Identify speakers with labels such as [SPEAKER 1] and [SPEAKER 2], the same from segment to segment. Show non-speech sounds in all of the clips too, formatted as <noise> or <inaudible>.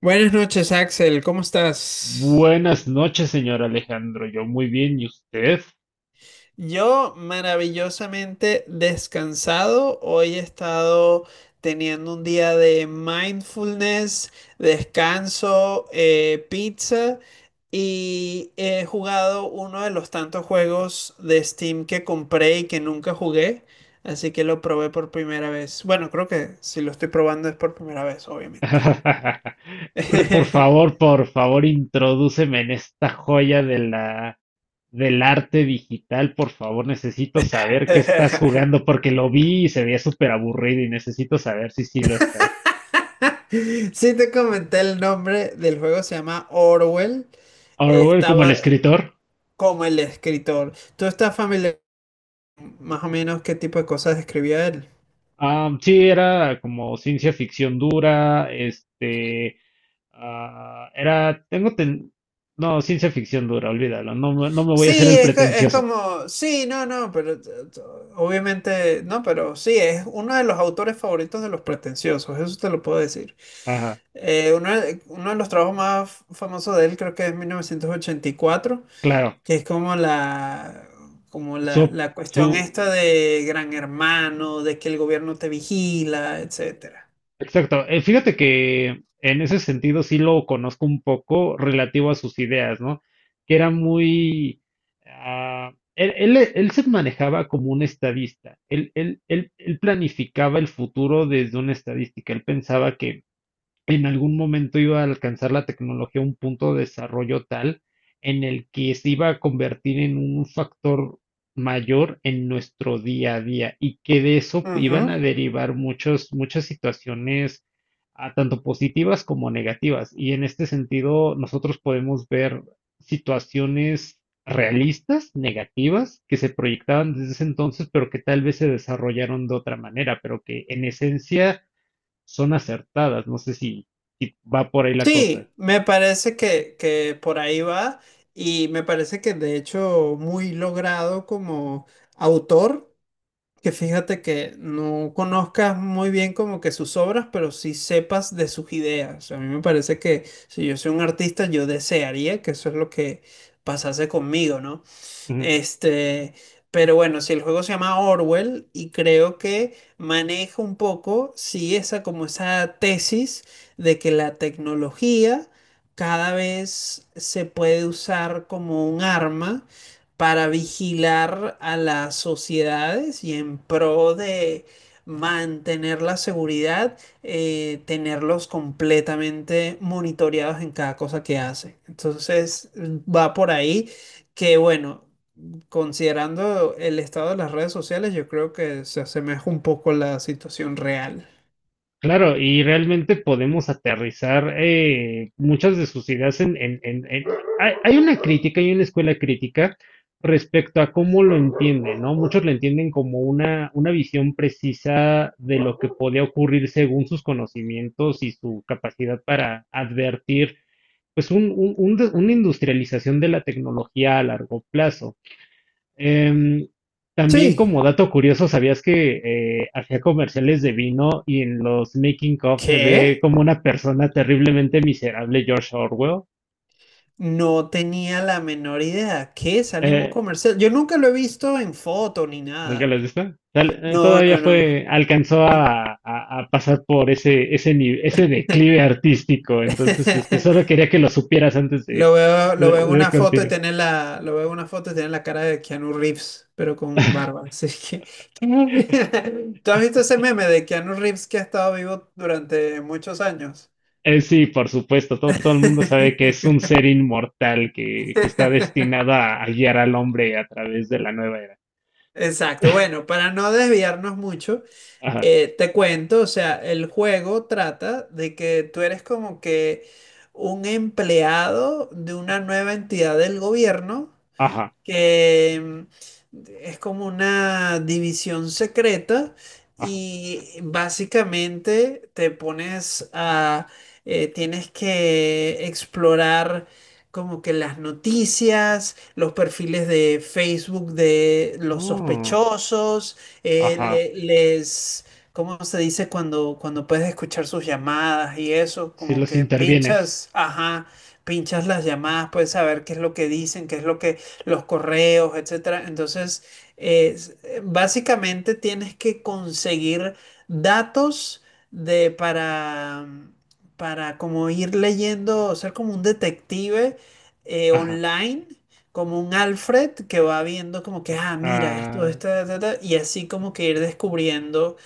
[SPEAKER 1] Buenas noches, Axel, ¿cómo estás?
[SPEAKER 2] Buenas noches, señor Alejandro. Yo muy bien, ¿y usted?
[SPEAKER 1] Yo maravillosamente descansado. Hoy he estado teniendo un día de mindfulness, descanso, pizza y he jugado uno de los tantos juegos de Steam que compré y que nunca jugué. Así que lo probé por primera vez. Bueno, creo que si lo estoy probando es por primera vez, obviamente.
[SPEAKER 2] <laughs> Pero, por
[SPEAKER 1] <laughs>
[SPEAKER 2] favor, por favor, introdúceme en esta joya de la del arte digital. Por favor, necesito saber qué estás jugando porque lo vi y se veía súper aburrido y necesito saber si sí lo está.
[SPEAKER 1] <laughs> Sí te comenté el nombre del juego, se llama Orwell.
[SPEAKER 2] Orwell como el
[SPEAKER 1] Estaba
[SPEAKER 2] escritor.
[SPEAKER 1] como el escritor. ¿Tú estás familiar más o menos qué tipo de cosas escribía él?
[SPEAKER 2] Ah, sí, era como ciencia ficción dura, Ah, era, tengo, ten- no, ciencia ficción dura, olvídalo, no, no me voy a hacer
[SPEAKER 1] Sí,
[SPEAKER 2] el
[SPEAKER 1] es, es
[SPEAKER 2] pretencioso.
[SPEAKER 1] como, sí, no, no, pero obviamente, no, pero sí, es uno de los autores favoritos de los pretenciosos, eso te lo puedo decir.
[SPEAKER 2] Ajá,
[SPEAKER 1] Uno de los trabajos más famosos de él creo que es 1984,
[SPEAKER 2] claro,
[SPEAKER 1] que es como la, como la,
[SPEAKER 2] su,
[SPEAKER 1] la
[SPEAKER 2] su,
[SPEAKER 1] cuestión esta de Gran Hermano, de que el gobierno te vigila, etcétera.
[SPEAKER 2] exacto. Fíjate que en ese sentido sí lo conozco un poco relativo a sus ideas, ¿no? Que era muy, él se manejaba como un estadista, él planificaba el futuro desde una estadística, él pensaba que en algún momento iba a alcanzar la tecnología un punto de desarrollo tal en el que se iba a convertir en un factor mayor en nuestro día a día y que de eso iban a
[SPEAKER 1] Ujú.
[SPEAKER 2] derivar muchas situaciones, tanto positivas como negativas. Y en este sentido, nosotros podemos ver situaciones realistas, negativas, que se proyectaban desde ese entonces, pero que tal vez se desarrollaron de otra manera, pero que en esencia son acertadas. No sé si va por ahí la cosa.
[SPEAKER 1] Sí, me parece que por ahí va y me parece que de hecho muy logrado como autor, que fíjate que no conozcas muy bien como que sus obras, pero sí sepas de sus ideas. A mí me parece que si yo soy un artista, yo desearía que eso es lo que pasase conmigo, ¿no?
[SPEAKER 2] Ujú.
[SPEAKER 1] Este, pero bueno, si el juego se llama Orwell y creo que maneja un poco, sí, esa como esa tesis de que la tecnología cada vez se puede usar como un arma para vigilar a las sociedades y en pro de mantener la seguridad, tenerlos completamente monitoreados en cada cosa que hacen. Entonces, va por ahí que bueno. Considerando el estado de las redes sociales, yo creo que se asemeja un poco a la situación real.
[SPEAKER 2] Claro, y realmente podemos aterrizar muchas de sus ideas . Hay una crítica, hay una escuela crítica respecto a cómo lo entienden, ¿no? Muchos lo entienden como una visión precisa de lo que podía ocurrir según sus conocimientos y su capacidad para advertir, pues, una industrialización de la tecnología a largo plazo. Em, también
[SPEAKER 1] Sí.
[SPEAKER 2] como dato curioso, ¿sabías que hacía comerciales de vino y en los making of se ve
[SPEAKER 1] ¿Qué?
[SPEAKER 2] como una persona terriblemente miserable, George Orwell?
[SPEAKER 1] No tenía la menor idea. ¿Qué? Sale en un
[SPEAKER 2] Eh,
[SPEAKER 1] comercial. Yo nunca lo he visto en foto ni
[SPEAKER 2] ¿nunca lo
[SPEAKER 1] nada.
[SPEAKER 2] has visto? Tal- eh,
[SPEAKER 1] No,
[SPEAKER 2] todavía
[SPEAKER 1] no, no.
[SPEAKER 2] fue, alcanzó a pasar por ese, ese, ni- ese declive artístico, entonces solo
[SPEAKER 1] <laughs>
[SPEAKER 2] quería que lo supieras antes de,
[SPEAKER 1] Lo veo,
[SPEAKER 2] de,
[SPEAKER 1] lo veo en
[SPEAKER 2] de
[SPEAKER 1] una foto y
[SPEAKER 2] continuar.
[SPEAKER 1] tiene la, lo veo en una foto y tiene la cara de Keanu Reeves, pero con barba. Así que, <laughs> ¿tú has visto ese meme de Keanu Reeves que ha estado vivo durante muchos años?
[SPEAKER 2] Sí, por supuesto, todo el mundo sabe que es
[SPEAKER 1] <laughs>
[SPEAKER 2] un ser inmortal que está destinado a guiar al hombre a través de la nueva era.
[SPEAKER 1] Exacto, bueno, para no desviarnos mucho,
[SPEAKER 2] Ajá,
[SPEAKER 1] te cuento, o sea, el juego trata de que tú eres como que un empleado de una nueva entidad del gobierno
[SPEAKER 2] ajá,
[SPEAKER 1] que mm, es como una división secreta
[SPEAKER 2] ajá,
[SPEAKER 1] y básicamente tienes que explorar como que las noticias, los perfiles de Facebook de los
[SPEAKER 2] oh,
[SPEAKER 1] sospechosos,
[SPEAKER 2] ajá,
[SPEAKER 1] les... ¿Cómo se dice cuando puedes escuchar sus llamadas y eso?
[SPEAKER 2] si
[SPEAKER 1] Como
[SPEAKER 2] los
[SPEAKER 1] que
[SPEAKER 2] intervienes.
[SPEAKER 1] pinchas, ajá, pinchas las llamadas, puedes saber qué es lo que dicen, qué es lo que los correos, etcétera. Entonces, básicamente tienes que conseguir datos de para como ir leyendo, ser como un detective
[SPEAKER 2] Ajá.
[SPEAKER 1] online, como un Alfred que va viendo como que, ah, mira, esto,
[SPEAKER 2] ah,
[SPEAKER 1] esto, ta, ta", y así como que ir descubriendo.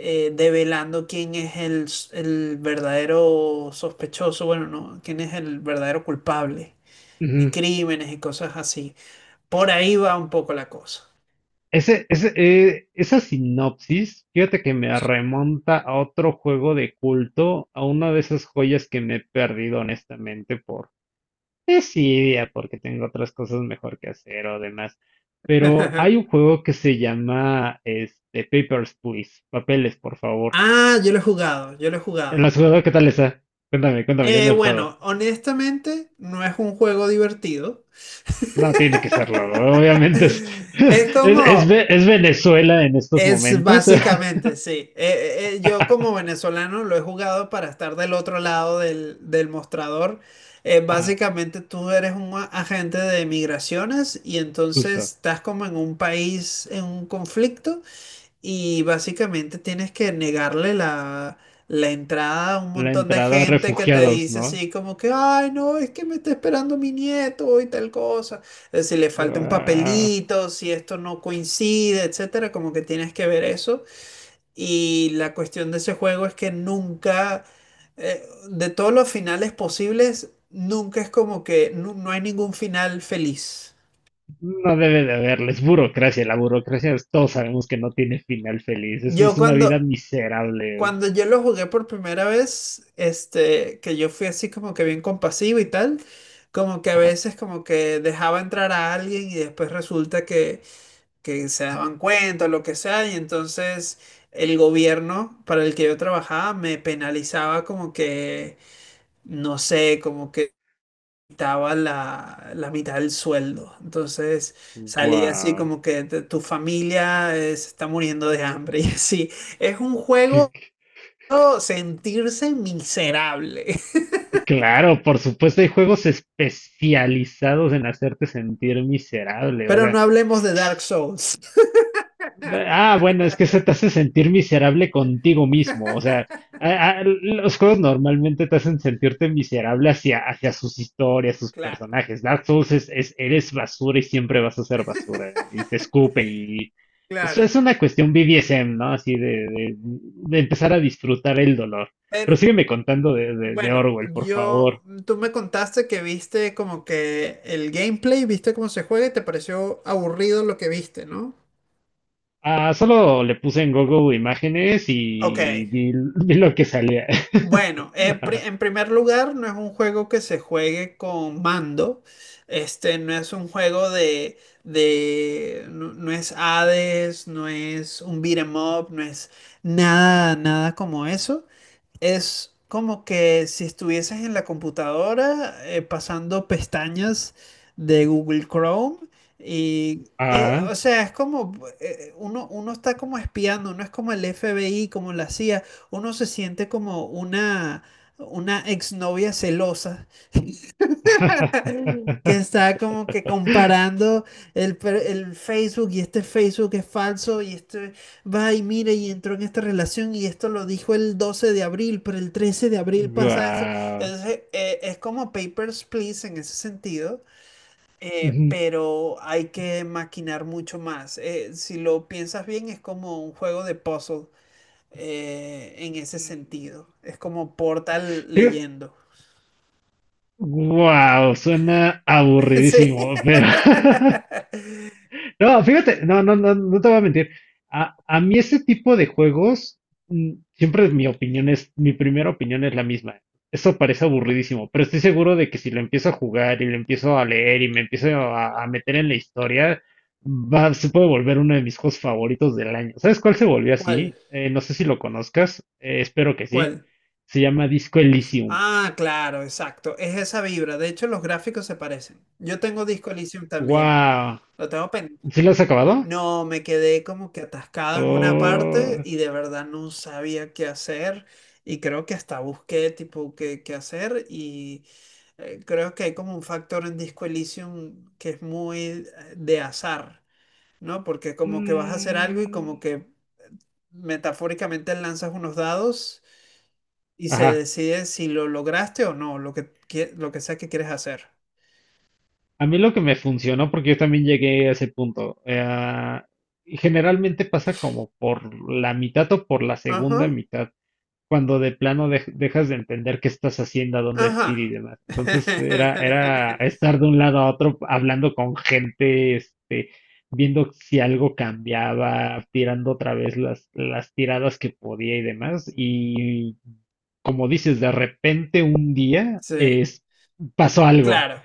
[SPEAKER 1] Develando quién es el verdadero sospechoso, bueno, no, quién es el verdadero culpable de
[SPEAKER 2] Ujú.
[SPEAKER 1] crímenes y cosas así. Por ahí va un poco la cosa.
[SPEAKER 2] Esa sinopsis, fíjate que me remonta a otro juego de culto, a una de esas joyas que me he perdido honestamente. Desidia, porque tengo otras cosas mejor que hacer o demás. Pero hay un
[SPEAKER 1] <laughs>
[SPEAKER 2] juego que se llama Papers, Please. Papeles, por favor.
[SPEAKER 1] Ah, yo lo he jugado, yo lo he jugado.
[SPEAKER 2] ¿La has jugado? ¿Qué tal está? Cuéntame, cuéntame, yo
[SPEAKER 1] Eh,
[SPEAKER 2] no he jugado.
[SPEAKER 1] bueno, honestamente, no es un juego divertido.
[SPEAKER 2] No tiene que serlo, obviamente. Es,
[SPEAKER 1] <laughs> Es
[SPEAKER 2] <laughs> es, es
[SPEAKER 1] como,
[SPEAKER 2] Ve- es Venezuela en estos
[SPEAKER 1] es
[SPEAKER 2] momentos. <laughs>
[SPEAKER 1] básicamente, sí. Yo como venezolano lo he jugado para estar del otro lado del mostrador. Eh,
[SPEAKER 2] Ah,
[SPEAKER 1] básicamente tú eres un agente de migraciones y
[SPEAKER 2] justo.
[SPEAKER 1] entonces estás como en un país, en un conflicto. Y básicamente tienes que negarle la entrada a un
[SPEAKER 2] La
[SPEAKER 1] montón de
[SPEAKER 2] entrada,
[SPEAKER 1] gente que te
[SPEAKER 2] refugiados,
[SPEAKER 1] dice
[SPEAKER 2] ¿no?
[SPEAKER 1] así como que, ay, no, es que me está esperando mi nieto y tal cosa. Si le falta un
[SPEAKER 2] Guau.
[SPEAKER 1] papelito, si esto no coincide, etcétera, como que tienes que ver eso. Y la cuestión de ese juego es que nunca, eh, de todos los finales posibles, nunca es como que no hay ningún final feliz.
[SPEAKER 2] No debe de haberles burocracia. La burocracia, todos sabemos que no tiene final feliz. Es
[SPEAKER 1] Yo
[SPEAKER 2] una vida
[SPEAKER 1] cuando,
[SPEAKER 2] miserable.
[SPEAKER 1] Cuando yo lo jugué por primera vez, este, que yo fui así como que bien compasivo y tal, como que a veces como que dejaba entrar a alguien y después resulta que se daban cuenta o lo que sea, y entonces el gobierno para el que yo trabajaba me penalizaba como que, no sé, como que quitaba la mitad del sueldo. Entonces salía así
[SPEAKER 2] Wow.
[SPEAKER 1] como que "Tu familia se está muriendo de hambre <laughs> y así. Es un
[SPEAKER 2] Que-
[SPEAKER 1] juego
[SPEAKER 2] que-
[SPEAKER 1] sentirse miserable.
[SPEAKER 2] Claro, por supuesto, hay juegos especializados en hacerte sentir
[SPEAKER 1] <laughs>
[SPEAKER 2] miserable. O
[SPEAKER 1] Pero
[SPEAKER 2] sea,
[SPEAKER 1] no hablemos de Dark Souls.
[SPEAKER 2] bueno, es que se te
[SPEAKER 1] <laughs>
[SPEAKER 2] hace sentir miserable contigo mismo. O sea, los juegos normalmente te hacen sentirte miserable hacia, sus historias, sus
[SPEAKER 1] Claro,
[SPEAKER 2] personajes. Dark Souls eres basura y siempre vas a ser basura. Y te escupen y. Eso
[SPEAKER 1] claro.
[SPEAKER 2] es una cuestión BDSM, ¿no? Así de empezar a disfrutar el dolor.
[SPEAKER 1] Pero,
[SPEAKER 2] Pero sígueme contando de
[SPEAKER 1] bueno,
[SPEAKER 2] Orwell, por favor.
[SPEAKER 1] tú me contaste que viste como que el gameplay, viste cómo se juega y te pareció aburrido lo que viste, ¿no?
[SPEAKER 2] Ah, solo le puse en Google imágenes
[SPEAKER 1] Ok.
[SPEAKER 2] y vi lo que salía.
[SPEAKER 1] Bueno, en pri-
[SPEAKER 2] <laughs>
[SPEAKER 1] en primer lugar, no es un juego que se juegue con mando. Este no es un juego de, no, no es Hades, no es un beat 'em up, no es nada, nada como eso. Es como que si estuvieses en la computadora pasando pestañas de Google Chrome y,
[SPEAKER 2] Ah.
[SPEAKER 1] o sea, es como, uno está como espiando, no es como el FBI, como la CIA, uno se siente como una exnovia celosa que
[SPEAKER 2] <laughs>
[SPEAKER 1] está como que comparando el Facebook y este Facebook es falso y este va y mire y entró en esta relación y esto lo dijo el 12 de abril, pero el 13 de abril pasa eso.
[SPEAKER 2] Wow.
[SPEAKER 1] Entonces, es como Papers, Please en ese sentido, pero hay que maquinar mucho más. Si lo piensas bien, es como un juego de puzzle. En ese sentido, es como Portal leyendo. <laughs>
[SPEAKER 2] Wow, suena
[SPEAKER 1] Sí.
[SPEAKER 2] aburridísimo, pero <laughs>
[SPEAKER 1] <laughs>
[SPEAKER 2] No, fíjate, no, no, no, no te voy a mentir. A mí ese tipo de juegos, siempre mi opinión es, mi primera opinión es la misma. Eso parece aburridísimo, pero estoy seguro de que si lo empiezo a jugar y lo empiezo a leer y me empiezo a meter en la historia, va, se puede volver uno de mis juegos favoritos del año. ¿Sabes cuál se volvió
[SPEAKER 1] ¿Cuál?
[SPEAKER 2] así? No sé si lo conozcas, espero que sí.
[SPEAKER 1] ¿Cuál?
[SPEAKER 2] Se llama Disco Elysium.
[SPEAKER 1] Ah, claro, exacto. Es esa vibra. De hecho, los gráficos se parecen. Yo tengo Disco Elysium también.
[SPEAKER 2] ¡Wow!
[SPEAKER 1] Lo tengo pendiente.
[SPEAKER 2] ¿Sí lo has acabado?
[SPEAKER 1] No, me quedé como que atascado en una parte
[SPEAKER 2] Oh,
[SPEAKER 1] y de verdad no sabía qué hacer. Y creo que hasta busqué tipo qué hacer. Y creo que hay como un factor en Disco Elysium que es muy de azar, ¿no? Porque como que vas a hacer algo y como
[SPEAKER 2] mm,
[SPEAKER 1] que metafóricamente lanzas unos dados y se
[SPEAKER 2] ajá.
[SPEAKER 1] decide si lo lograste o no, lo que sea que quieres hacer.
[SPEAKER 2] A mí lo que me funcionó, porque yo también llegué a ese punto, generalmente pasa como por la mitad o por la segunda
[SPEAKER 1] Ajá,
[SPEAKER 2] mitad, cuando de plano dejas de entender qué estás haciendo, a dónde es ir
[SPEAKER 1] ajá.
[SPEAKER 2] y demás. Entonces era,
[SPEAKER 1] <laughs>
[SPEAKER 2] era estar de un lado a otro hablando con gente, viendo si algo cambiaba, tirando otra vez las tiradas que podía y demás. Y como dices, de repente un día
[SPEAKER 1] Sí,
[SPEAKER 2] pasó algo.
[SPEAKER 1] claro.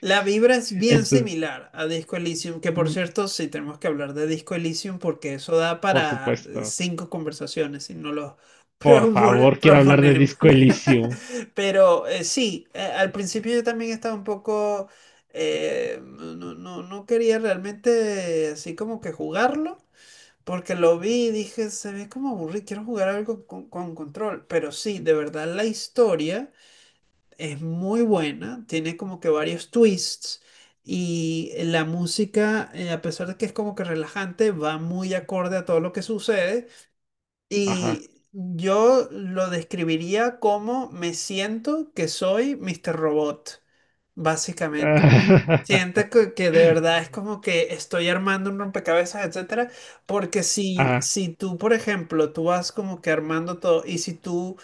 [SPEAKER 1] La vibra es bien
[SPEAKER 2] <laughs>
[SPEAKER 1] similar a Disco Elysium, que por
[SPEAKER 2] Mm,
[SPEAKER 1] cierto, sí tenemos que hablar de Disco Elysium porque eso da
[SPEAKER 2] Por
[SPEAKER 1] para
[SPEAKER 2] supuesto.
[SPEAKER 1] cinco conversaciones si no lo
[SPEAKER 2] Por
[SPEAKER 1] <laughs>
[SPEAKER 2] favor, quiero hablar de
[SPEAKER 1] proponemos.
[SPEAKER 2] Disco Elysium.
[SPEAKER 1] <laughs> Pero sí, al principio yo también estaba un poco... No, no, no no quería realmente así como que jugarlo. Porque lo vi y dije, se ve como aburrido, quiero jugar algo con control. Pero sí, de verdad la historia es muy buena, tiene como que varios twists y la música, a pesar de que es como que relajante, va muy acorde a todo lo que sucede.
[SPEAKER 2] Ajá.
[SPEAKER 1] Y yo lo describiría como me siento que soy Mr. Robot, básicamente. Siento
[SPEAKER 2] <laughs>
[SPEAKER 1] que de verdad es como que estoy armando un rompecabezas, etcétera, porque si,
[SPEAKER 2] Ah,
[SPEAKER 1] si tú, por ejemplo, tú vas como que armando todo y si tú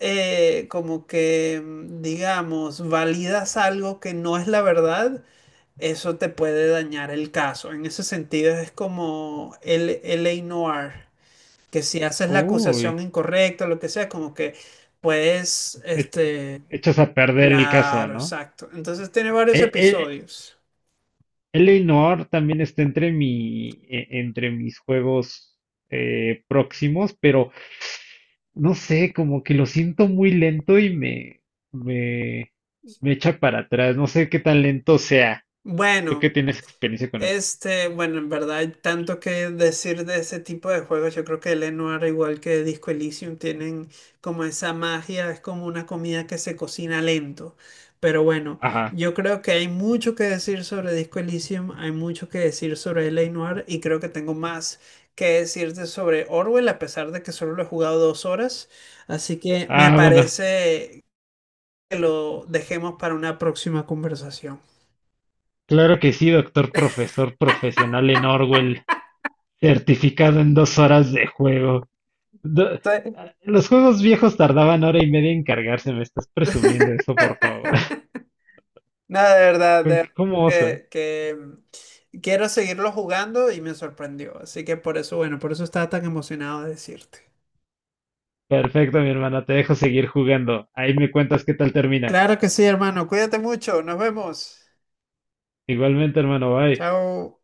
[SPEAKER 1] como que, digamos, validas algo que no es la verdad, eso te puede dañar el caso. En ese sentido es como el L.A. Noir, que si haces la acusación
[SPEAKER 2] uy.
[SPEAKER 1] incorrecta, lo que sea, como que puedes,
[SPEAKER 2] E-
[SPEAKER 1] este,
[SPEAKER 2] Echas a perder el caso,
[SPEAKER 1] claro,
[SPEAKER 2] ¿no?
[SPEAKER 1] exacto. Entonces tiene
[SPEAKER 2] E-
[SPEAKER 1] varios
[SPEAKER 2] e-
[SPEAKER 1] episodios.
[SPEAKER 2] Eleanor también está entre entre mis juegos próximos, pero no sé, como que lo siento muy lento y me, me echa para atrás. No sé qué tan lento sea. Tú que
[SPEAKER 1] Bueno.
[SPEAKER 2] tienes experiencia con él.
[SPEAKER 1] Este, bueno, en verdad hay tanto que decir de ese tipo de juegos. Yo creo que Lenoir, igual que Disco Elysium, tienen como esa magia, es como una comida que se cocina lento. Pero bueno,
[SPEAKER 2] Ajá.
[SPEAKER 1] yo creo que hay mucho que decir sobre Disco Elysium, hay mucho que decir sobre Lenoir y creo que tengo más que decirte sobre Orwell, a pesar de que solo lo he jugado 2 horas. Así que me
[SPEAKER 2] Ah, bueno.
[SPEAKER 1] parece que lo dejemos para una próxima conversación.
[SPEAKER 2] Claro que sí, doctor profesor profesional en Orwell, certificado en 2 horas de juego. Do- los juegos viejos tardaban hora y media en cargarse, me estás presumiendo eso, por favor. <laughs>
[SPEAKER 1] Nada, de
[SPEAKER 2] ¿Con
[SPEAKER 1] verdad
[SPEAKER 2] ¿Cómo osas?
[SPEAKER 1] que quiero seguirlo jugando y me sorprendió. Así que por eso, bueno, por eso estaba tan emocionado de decirte.
[SPEAKER 2] Perfecto, mi hermana, te dejo seguir jugando. Ahí me cuentas qué tal termina.
[SPEAKER 1] Claro que sí, hermano. Cuídate mucho. Nos vemos.
[SPEAKER 2] Igualmente, hermano, bye.
[SPEAKER 1] Chao.